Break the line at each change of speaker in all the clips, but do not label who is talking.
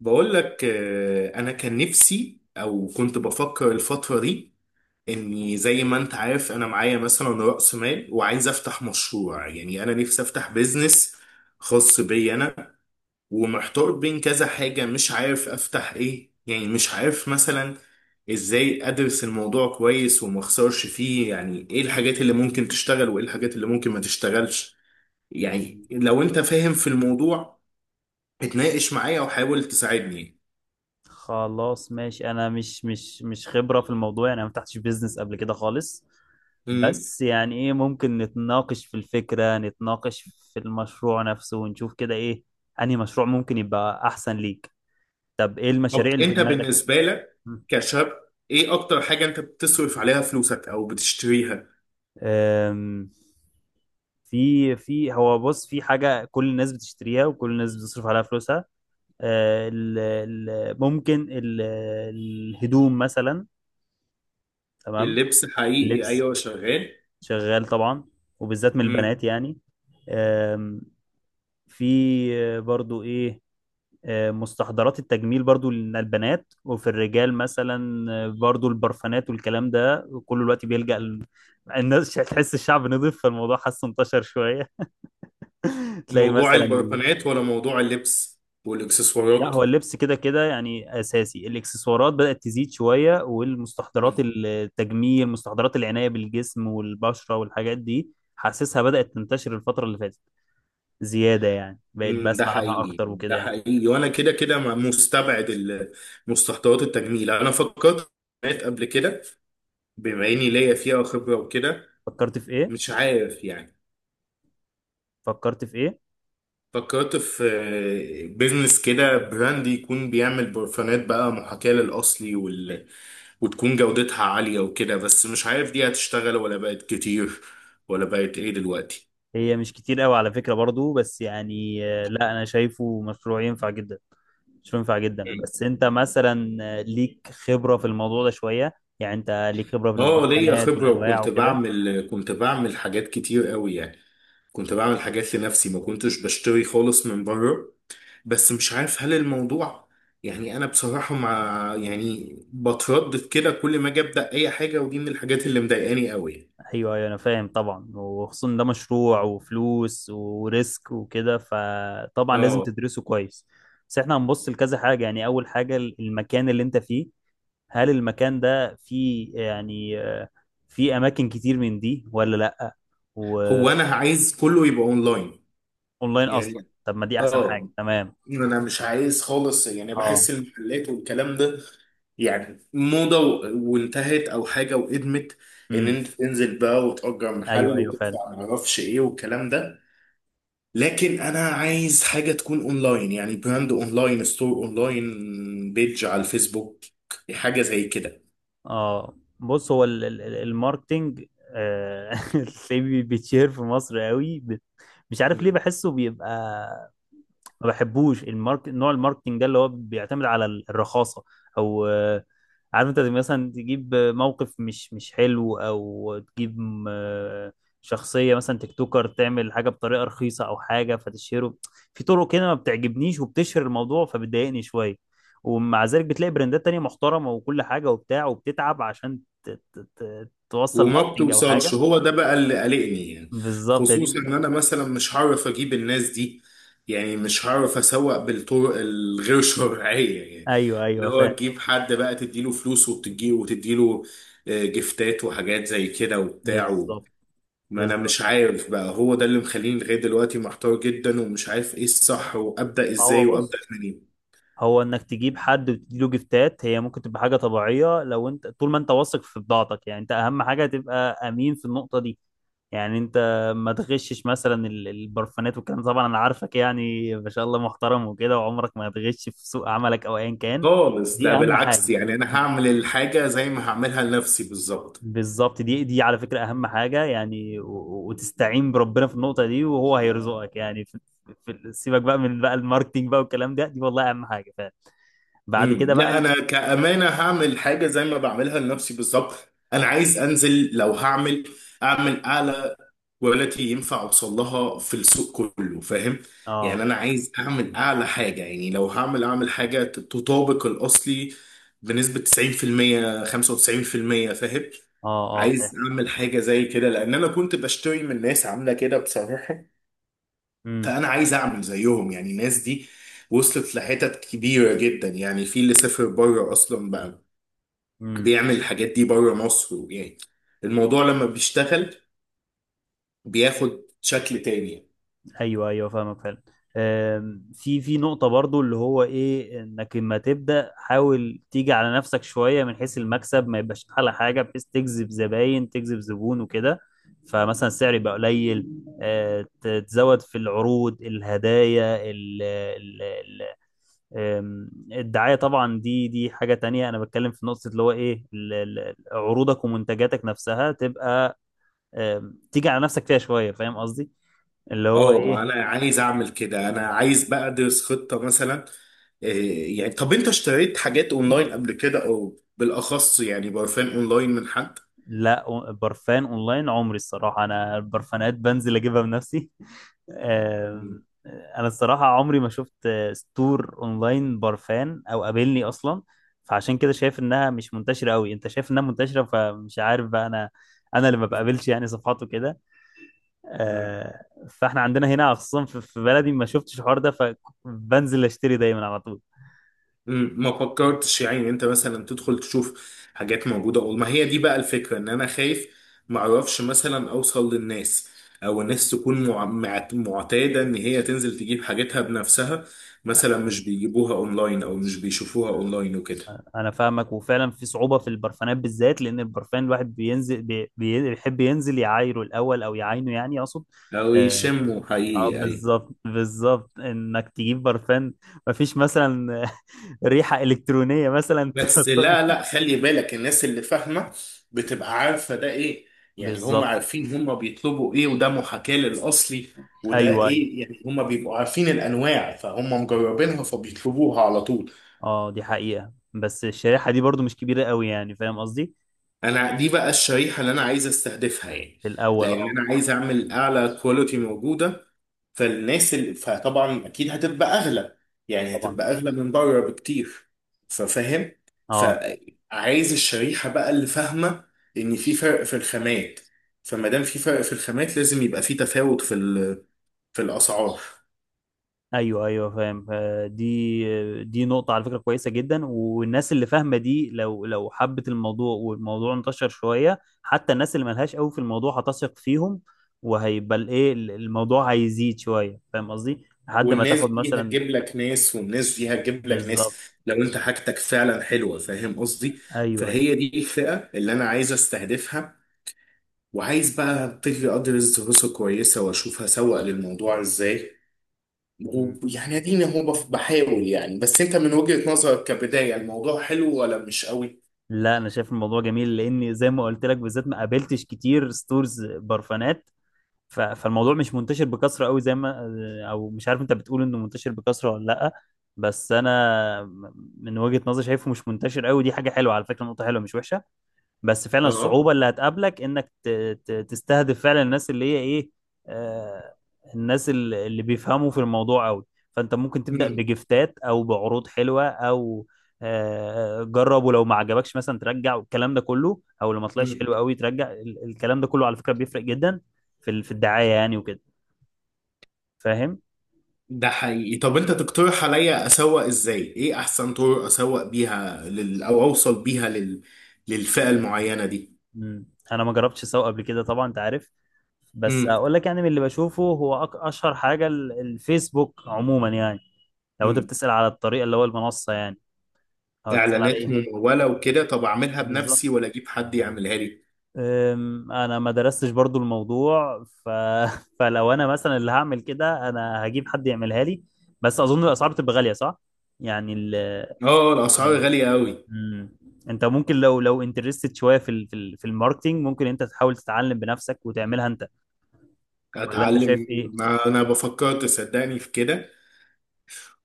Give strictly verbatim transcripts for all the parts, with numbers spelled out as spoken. بقول لك آه، انا كان نفسي او كنت بفكر الفتره دي، اني زي ما انت عارف انا معايا مثلا راس مال وعايز افتح مشروع. يعني انا نفسي افتح بيزنس خاص بي انا، ومحتار بين كذا حاجه، مش عارف افتح ايه. يعني مش عارف مثلا ازاي ادرس الموضوع كويس وما اخسرش فيه، يعني ايه الحاجات اللي ممكن تشتغل وايه الحاجات اللي ممكن ما تشتغلش. يعني
مم.
لو انت فاهم في الموضوع اتناقش معايا وحاول تساعدني.
خلاص ماشي، انا مش مش مش خبرة في الموضوع، يعني انا ما فتحتش بيزنس قبل كده خالص. بس يعني ايه ممكن؟ نتناقش في الفكرة، نتناقش في المشروع نفسه ونشوف كده ايه انهي مشروع ممكن يبقى احسن ليك. طب ايه
طب
المشاريع اللي في
انت
دماغك؟
بالنسبه لك
مم.
كشاب، ايه اكتر حاجه انت بتصرف عليها فلوسك او بتشتريها؟
أم، في في هو بص، في حاجة كل الناس بتشتريها وكل الناس بتصرف عليها فلوسها. أه، ال- ال- ممكن ال- الهدوم مثلا. تمام.
اللبس حقيقي،
اللبس
ايوه، شغال.
شغال طبعا، وبالذات من
مم.
البنات يعني. آم، في برضو ايه. آه، مستحضرات التجميل برضو للبنات، وفي الرجال مثلا آه، برضو البرفانات والكلام ده كله دلوقتي بيلجأ ال- الناس تحس الشعب نضيف، فالموضوع حاسه انتشر شوية. تلاقي
موضوع
مثلا ال...
البرفانات ولا موضوع اللبس
لا،
والاكسسوارات؟
هو اللبس كده كده يعني اساسي، الاكسسوارات بدأت تزيد شوية، والمستحضرات التجميل، مستحضرات العناية بالجسم والبشرة والحاجات دي، حاسسها بدأت تنتشر الفترة اللي فاتت زيادة، يعني بقيت
مم. ده
بسمع عنها
حقيقي
أكتر وكده
ده
يعني.
حقيقي، وانا كده كده ما- مستبعد ال- مستحضرات التجميل. انا فكرت في البرفانات قبل كده، بما اني ليا فيها خبره وكده.
فكرت في إيه؟
مش عارف يعني،
فكرت في إيه؟
فكرت في بيزنس كده، براند يكون بيعمل برفانات بقى محاكاة للأصلي وال... وتكون جودتها عالية وكده، بس مش عارف دي هتشتغل ولا بقت كتير ولا بقت ايه دلوقتي.
هي مش كتير قوي على فكرة برضو، بس يعني آه، لا، أنا شايفه مشروع ينفع جدا، مشروع ينفع جدا. بس أنت مثلا آه، ليك خبرة في الموضوع ده شوية، يعني أنت ليك خبرة في
اه، ليا
البرفانات
خبرة
والأنواع
وكنت
وكده.
بعمل، كنت بعمل حاجات كتير قوي يعني. كنت بعمل حاجات لنفسي، ما كنتش بشتري خالص من بره. بس مش عارف هل الموضوع، يعني انا بصراحة مع، يعني بتردد كده كل ما اجي ابدأ اي حاجة، ودي من الحاجات اللي مضايقاني قوي.
أيوه، أيوه، أنا فاهم طبعا، وخصوصا ده مشروع وفلوس وريسك وكده، فطبعا لازم
اه.
تدرسه كويس. بس احنا هنبص لكذا حاجة، يعني أول حاجة المكان اللي أنت فيه، هل المكان ده فيه يعني آه، فيه اماكن كتير من دي ولا لا،
هو
واونلاين؟
انا عايز كله يبقى اونلاين
اصلا
يعني.
طب، ما دي احسن حاجه،
اه.
تمام.
مم. انا مش عايز خالص، يعني
اه.
بحس المحلات والكلام ده يعني موضة و- وانتهت او حاجة وقدمت، ان
امم.
انت تنزل بقى وتأجر
ايوه،
محل
ايوه، فعلا.
وتدفع معرفش ايه والكلام ده. لكن انا عايز حاجة تكون اونلاين، يعني براند اونلاين، ستور اونلاين، بيج على الفيسبوك، حاجة زي كده.
اه، بص، هو ال- ال- ال- الماركتينج آه، تلاقيه بي- بيتشهر في مصر قوي، ب- مش عارف ليه، بحسه بيبقى، ما بحبوش المارك نوع الماركتينج ده اللي هو بيعتمد على ال- الرخاصه، او عارف انت زي مثلا تجيب موقف مش مش حلو، او تجيب م- شخصية مثلا تيك توكر تعمل حاجة بطريقة رخيصة او حاجة فتشهره، في طرق كده ما بتعجبنيش وبتشهر الموضوع فبتضايقني شوية. ومع ذلك بتلاقي براندات تانية محترمة وكل حاجة وبتاع وبتتعب عشان ت- ت- ت- توصل
وما
ماركتنج او
بتوصلش،
حاجة.
هو ده بقى اللي قلقني يعني.
بالظبط، يا دي.
خصوصا ان انا مثلا مش هعرف اجيب الناس دي، يعني مش هعرف اسوق بالطرق الغير شرعية يعني،
ايوه،
اللي
ايوه،
هو
فاهم.
تجيب حد بقى تديله فلوس وتديله وتديله، آه، جفتات وحاجات زي كده وبتاع و-
بالظبط،
ما انا
بالظبط.
مش عارف بقى، هو ده اللي مخليني لغاية دلوقتي محتار جدا ومش عارف ايه الصح وابدأ
ما
ازاي
هو
وابدأ
بص،
منين.
هو انك تجيب حد وتديله جفتات هي ممكن تبقى حاجه طبيعيه، لو انت طول ما انت واثق في بضاعتك، يعني انت اهم حاجه تبقى امين في النقطه دي، يعني انت ما تغشش مثلا ال- البرفانات والكلام ده. طبعا، انا عارفك، يعني ما شاء الله، محترم وكده، وعمرك ما هتغش في سوق عملك او ايا كان.
خالص،
دي
ده
اهم
بالعكس،
حاجه.
يعني انا
م.
هعمل الحاجة زي ما هعملها لنفسي بالظبط.
بالظبط، دي دي على فكره اهم حاجه، يعني و- و- وتستعين بربنا في النقطه دي، وهو هيرزقك، يعني في في سيبك بقى من بقى الماركتينج بقى والكلام ده، دي والله اهم حاجه فعلا. بعد
مم.
كده بقى
لا،
ال-
انا كامانه هعمل حاجه زي ما بعملها لنفسي بالظبط. انا عايز انزل، لو هعمل اعمل اعلى كواليتي ينفع اوصل لها في السوق، كله فاهم.
اه،
يعني انا عايز اعمل اعلى حاجه، يعني لو هعمل اعمل حاجه تطابق الاصلي بنسبه تسعين في المية خمسة وتسعين في المية، فاهم.
اه، اه، فاهم.
عايز اعمل حاجه زي كده لان انا كنت بشتري من ناس عامله كده بصراحه.
امم.
فانا عايز اعمل زيهم يعني. الناس دي وصلت لحتت كبيره جدا، يعني في اللي سافر بره اصلا بقى
امم.
بيعمل الحاجات دي بره مصر يعني. الموضوع لما بيشتغل بياخد شكل تاني.
ايوه، ايوه، فاهمك فعلا. آم، في في نقطة برضو اللي هو ايه، انك لما تبدأ حاول تيجي على نفسك شوية من حيث المكسب، ما يبقاش على حاجة بحيث تجذب زباين، تجذب زبون وكده، فمثلا السعر يبقى قليل. آه، ت- تزود في العروض، الهدايا ال ال ال آم، الدعاية طبعا، دي دي حاجة تانية، انا بتكلم في نقطة اللي هو ايه، ال- ال- عروضك ومنتجاتك نفسها تبقى آم، تيجي على نفسك فيها شويه، فاهم قصدي، اللي هو
اه، ما
ايه.
انا عايز اعمل كده، انا عايز بقى ادرس خطه مثلا. إيه يعني؟ طب انت اشتريت حاجات اونلاين قبل كده، او بالاخص يعني برفان اونلاين من حد؟
لا، أو- برفان اونلاين عمري، الصراحه انا البرفانات بنزل اجيبها بنفسي.
مم.
آم، انا الصراحه عمري ما شفت آه، ستور اونلاين برفان او قابلني اصلا، فعشان كده شايف انها مش منتشره قوي، انت شايف انها منتشره، فمش عارف بقى انا. انا اللي ما بقابلش يعني صفحاته كده.
مم.
آه، فاحنا عندنا هنا خصوصا في في بلدي ما شفتش الحوار ده، فبنزل اشتري دايما على طول.
مم، ما فكرتش يعني انت مثلا تدخل تشوف حاجات موجودة، اقول ما هي دي بقى الفكرة، ان انا خايف ما اعرفش مثلا اوصل للناس، او الناس تكون مع- مع- معتادة ان هي تنزل تجيب حاجتها بنفسها، مثلا مش بيجيبوها اونلاين او مش بيشوفوها اونلاين وكده.
انا فاهمك، وفعلا في صعوبه في البرفانات بالذات، لان البرفان الواحد بينزل بي بي- بيحب ينزل يعايره الاول، او يعاينه، يعني اقصد.
او
اه.
يشموا
آه،
حقيقي، اي.
بالظبط، بالظبط، انك تجيب برفان مفيش مثلا ريحه الكترونيه مثلا
بس لا
توصل-
لا، خلي بالك، الناس اللي فاهمة بتبقى عارفة ده ايه. يعني هم
بالظبط.
عارفين هم بيطلبوا ايه، وده محاكاة للأصلي وده
ايوه، ايوه.
ايه. يعني هم بيبقوا عارفين الأنواع، فهم مجربينها فبيطلبوها على طول.
اه، دي حقيقه، بس الشريحه دي برضو مش كبيره قوي، يعني فاهم قصدي.
انا دي بقى الشريحه اللي انا عايز استهدفها يعني،
في الاول،
لان
اه.
انا عايز اعمل اعلى كواليتي موجوده. فالناس اللي، فطبعا اكيد هتبقى اغلى، يعني
طبعا.
هتبقى اغلى من بره بكتير، ففاهم.
اه.
فعايز الشريحه بقى اللي فاهمه ان في فرق في الخامات. فما دام في فرق في الخامات لازم يبقى في تفاوت في ال- في الاسعار.
ايوه، ايوه، فاهم. آه، دي دي نقطة على فكرة كويسة جدا، والناس اللي فاهمة دي لو لو حبت الموضوع والموضوع انتشر شوية، حتى الناس اللي ملهاش قوي في الموضوع هتثق فيهم، وهيبقى الايه ال- الموضوع هيزيد شوية، فاهم قصدي لحد ما مم.
والناس
تاخد
دي
مثلا.
هتجيب لك ناس، والناس دي هتجيب لك ناس،
بالظبط.
لو انت حاجتك فعلا حلوه، فاهم قصدي.
ايوه، ايوه.
فهي دي الفئه اللي انا عايز استهدفها، وعايز بقى ابتدي ادرس دراسه كويسه واشوف هسوق للموضوع ازاي.
مم.
ويعني اديني، هو بف- بحاول يعني. بس انت من وجهه نظرك كبدايه، الموضوع حلو ولا مش قوي؟
لا، انا شايف الموضوع جميل، لاني زي ما قلت لك، بالذات ما قابلتش كتير ستورز برفانات، ف- فالموضوع مش منتشر بكثره قوي زي ما، او مش عارف، انت بتقول انه منتشر بكثره ولا لا، بس انا من وجهة نظري شايفه مش منتشر قوي، دي حاجه حلوه على فكره، نقطه حلوه مش وحشه. بس فعلا
اه.
الصعوبة اللي هتقابلك انك ت- ت- تستهدف فعلا الناس اللي هي ايه. آه الناس ال- اللي بيفهموا في الموضوع قوي، فانت ممكن تبدأ
امم
بجفتات او بعروض حلوة او آه جرب، ولو ما عجبكش مثلا ترجع والكلام ده كله، او لو ما طلعش
امم
حلو قوي ترجع ال- الكلام ده كله، على فكرة بيفرق جدا في ال- في الدعاية يعني وكده، فاهم.
ده حقيقي. طب انت تقترح عليا اسوق ازاي؟ ايه احسن طرق اسوق بيها لل... او اوصل بيها لل... للفئه المعينه دي؟
مم. انا ما جربتش اسوق قبل كده طبعا، انت عارف، بس
امم
اقول لك يعني من اللي بشوفه هو أك- اشهر حاجة ال- الفيسبوك عموما يعني، لو انت
امم
بتسأل على الطريقة اللي هو المنصة يعني، او بتسأل
اعلانات
على ايه؟
ممولة وكده، طب اعملها بنفسي
بالظبط.
ولا اجيب حد يعملها لي؟
أم، انا ما درستش برضو الموضوع ف... فلو انا مثلا اللي هعمل كده، انا هجيب حد يعملها لي، بس اظن الاسعار بتبقى غالية صح، يعني ال...
اه، الاسعار غالية قوي.
مم. انت ممكن لو لو انترستد شوية في ال... في ال- في الماركتينج، ممكن انت تحاول تتعلم بنفسك
مم.
وتعملها انت، ولا انت شايف
اتعلم؟
ايه؟
ما انا بفكر، تصدقني، في كده.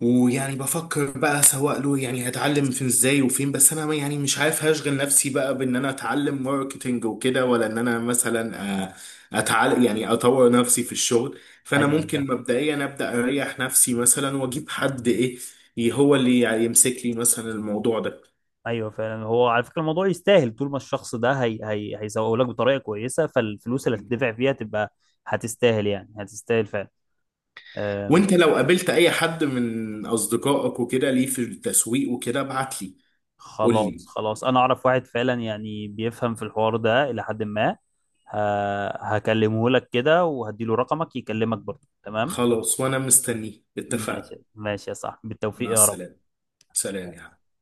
ويعني بفكر بقى سواء له، يعني هتعلم فين ازاي وفين. بس انا يعني مش عارف هشغل نفسي بقى بان انا اتعلم ماركتينج وكده، ولا ان انا مثلا، آه، اتعلم يعني اطور نفسي في الشغل. فانا
ايوه،
ممكن مبدئيا ابدا اريح نفسي مثلا واجيب حد ايه، هو اللي يمسك لي مثلا الموضوع ده.
ايوه، فعلا، هو على فكره الموضوع يستاهل، طول ما الشخص ده هي هي هيسوق لك بطريقه كويسه، فالفلوس اللي هتدفع فيها تبقى هتستاهل، يعني هتستاهل فعلا. أم،
وانت لو قابلت اي حد من اصدقائك وكده ليه في التسويق وكده ابعت لي. قول لي.
خلاص، خلاص، انا اعرف واحد فعلا يعني بيفهم في الحوار ده الى حد ما، ه- هكلمه لك كده وهديله رقمك يكلمك برضه، تمام.
خلاص، وانا مستنيه، اتفقنا.
ماشي، ماشي يا صاحبي، بالتوفيق
مع
يا رب.
السلامة. سلام يا حبيبي.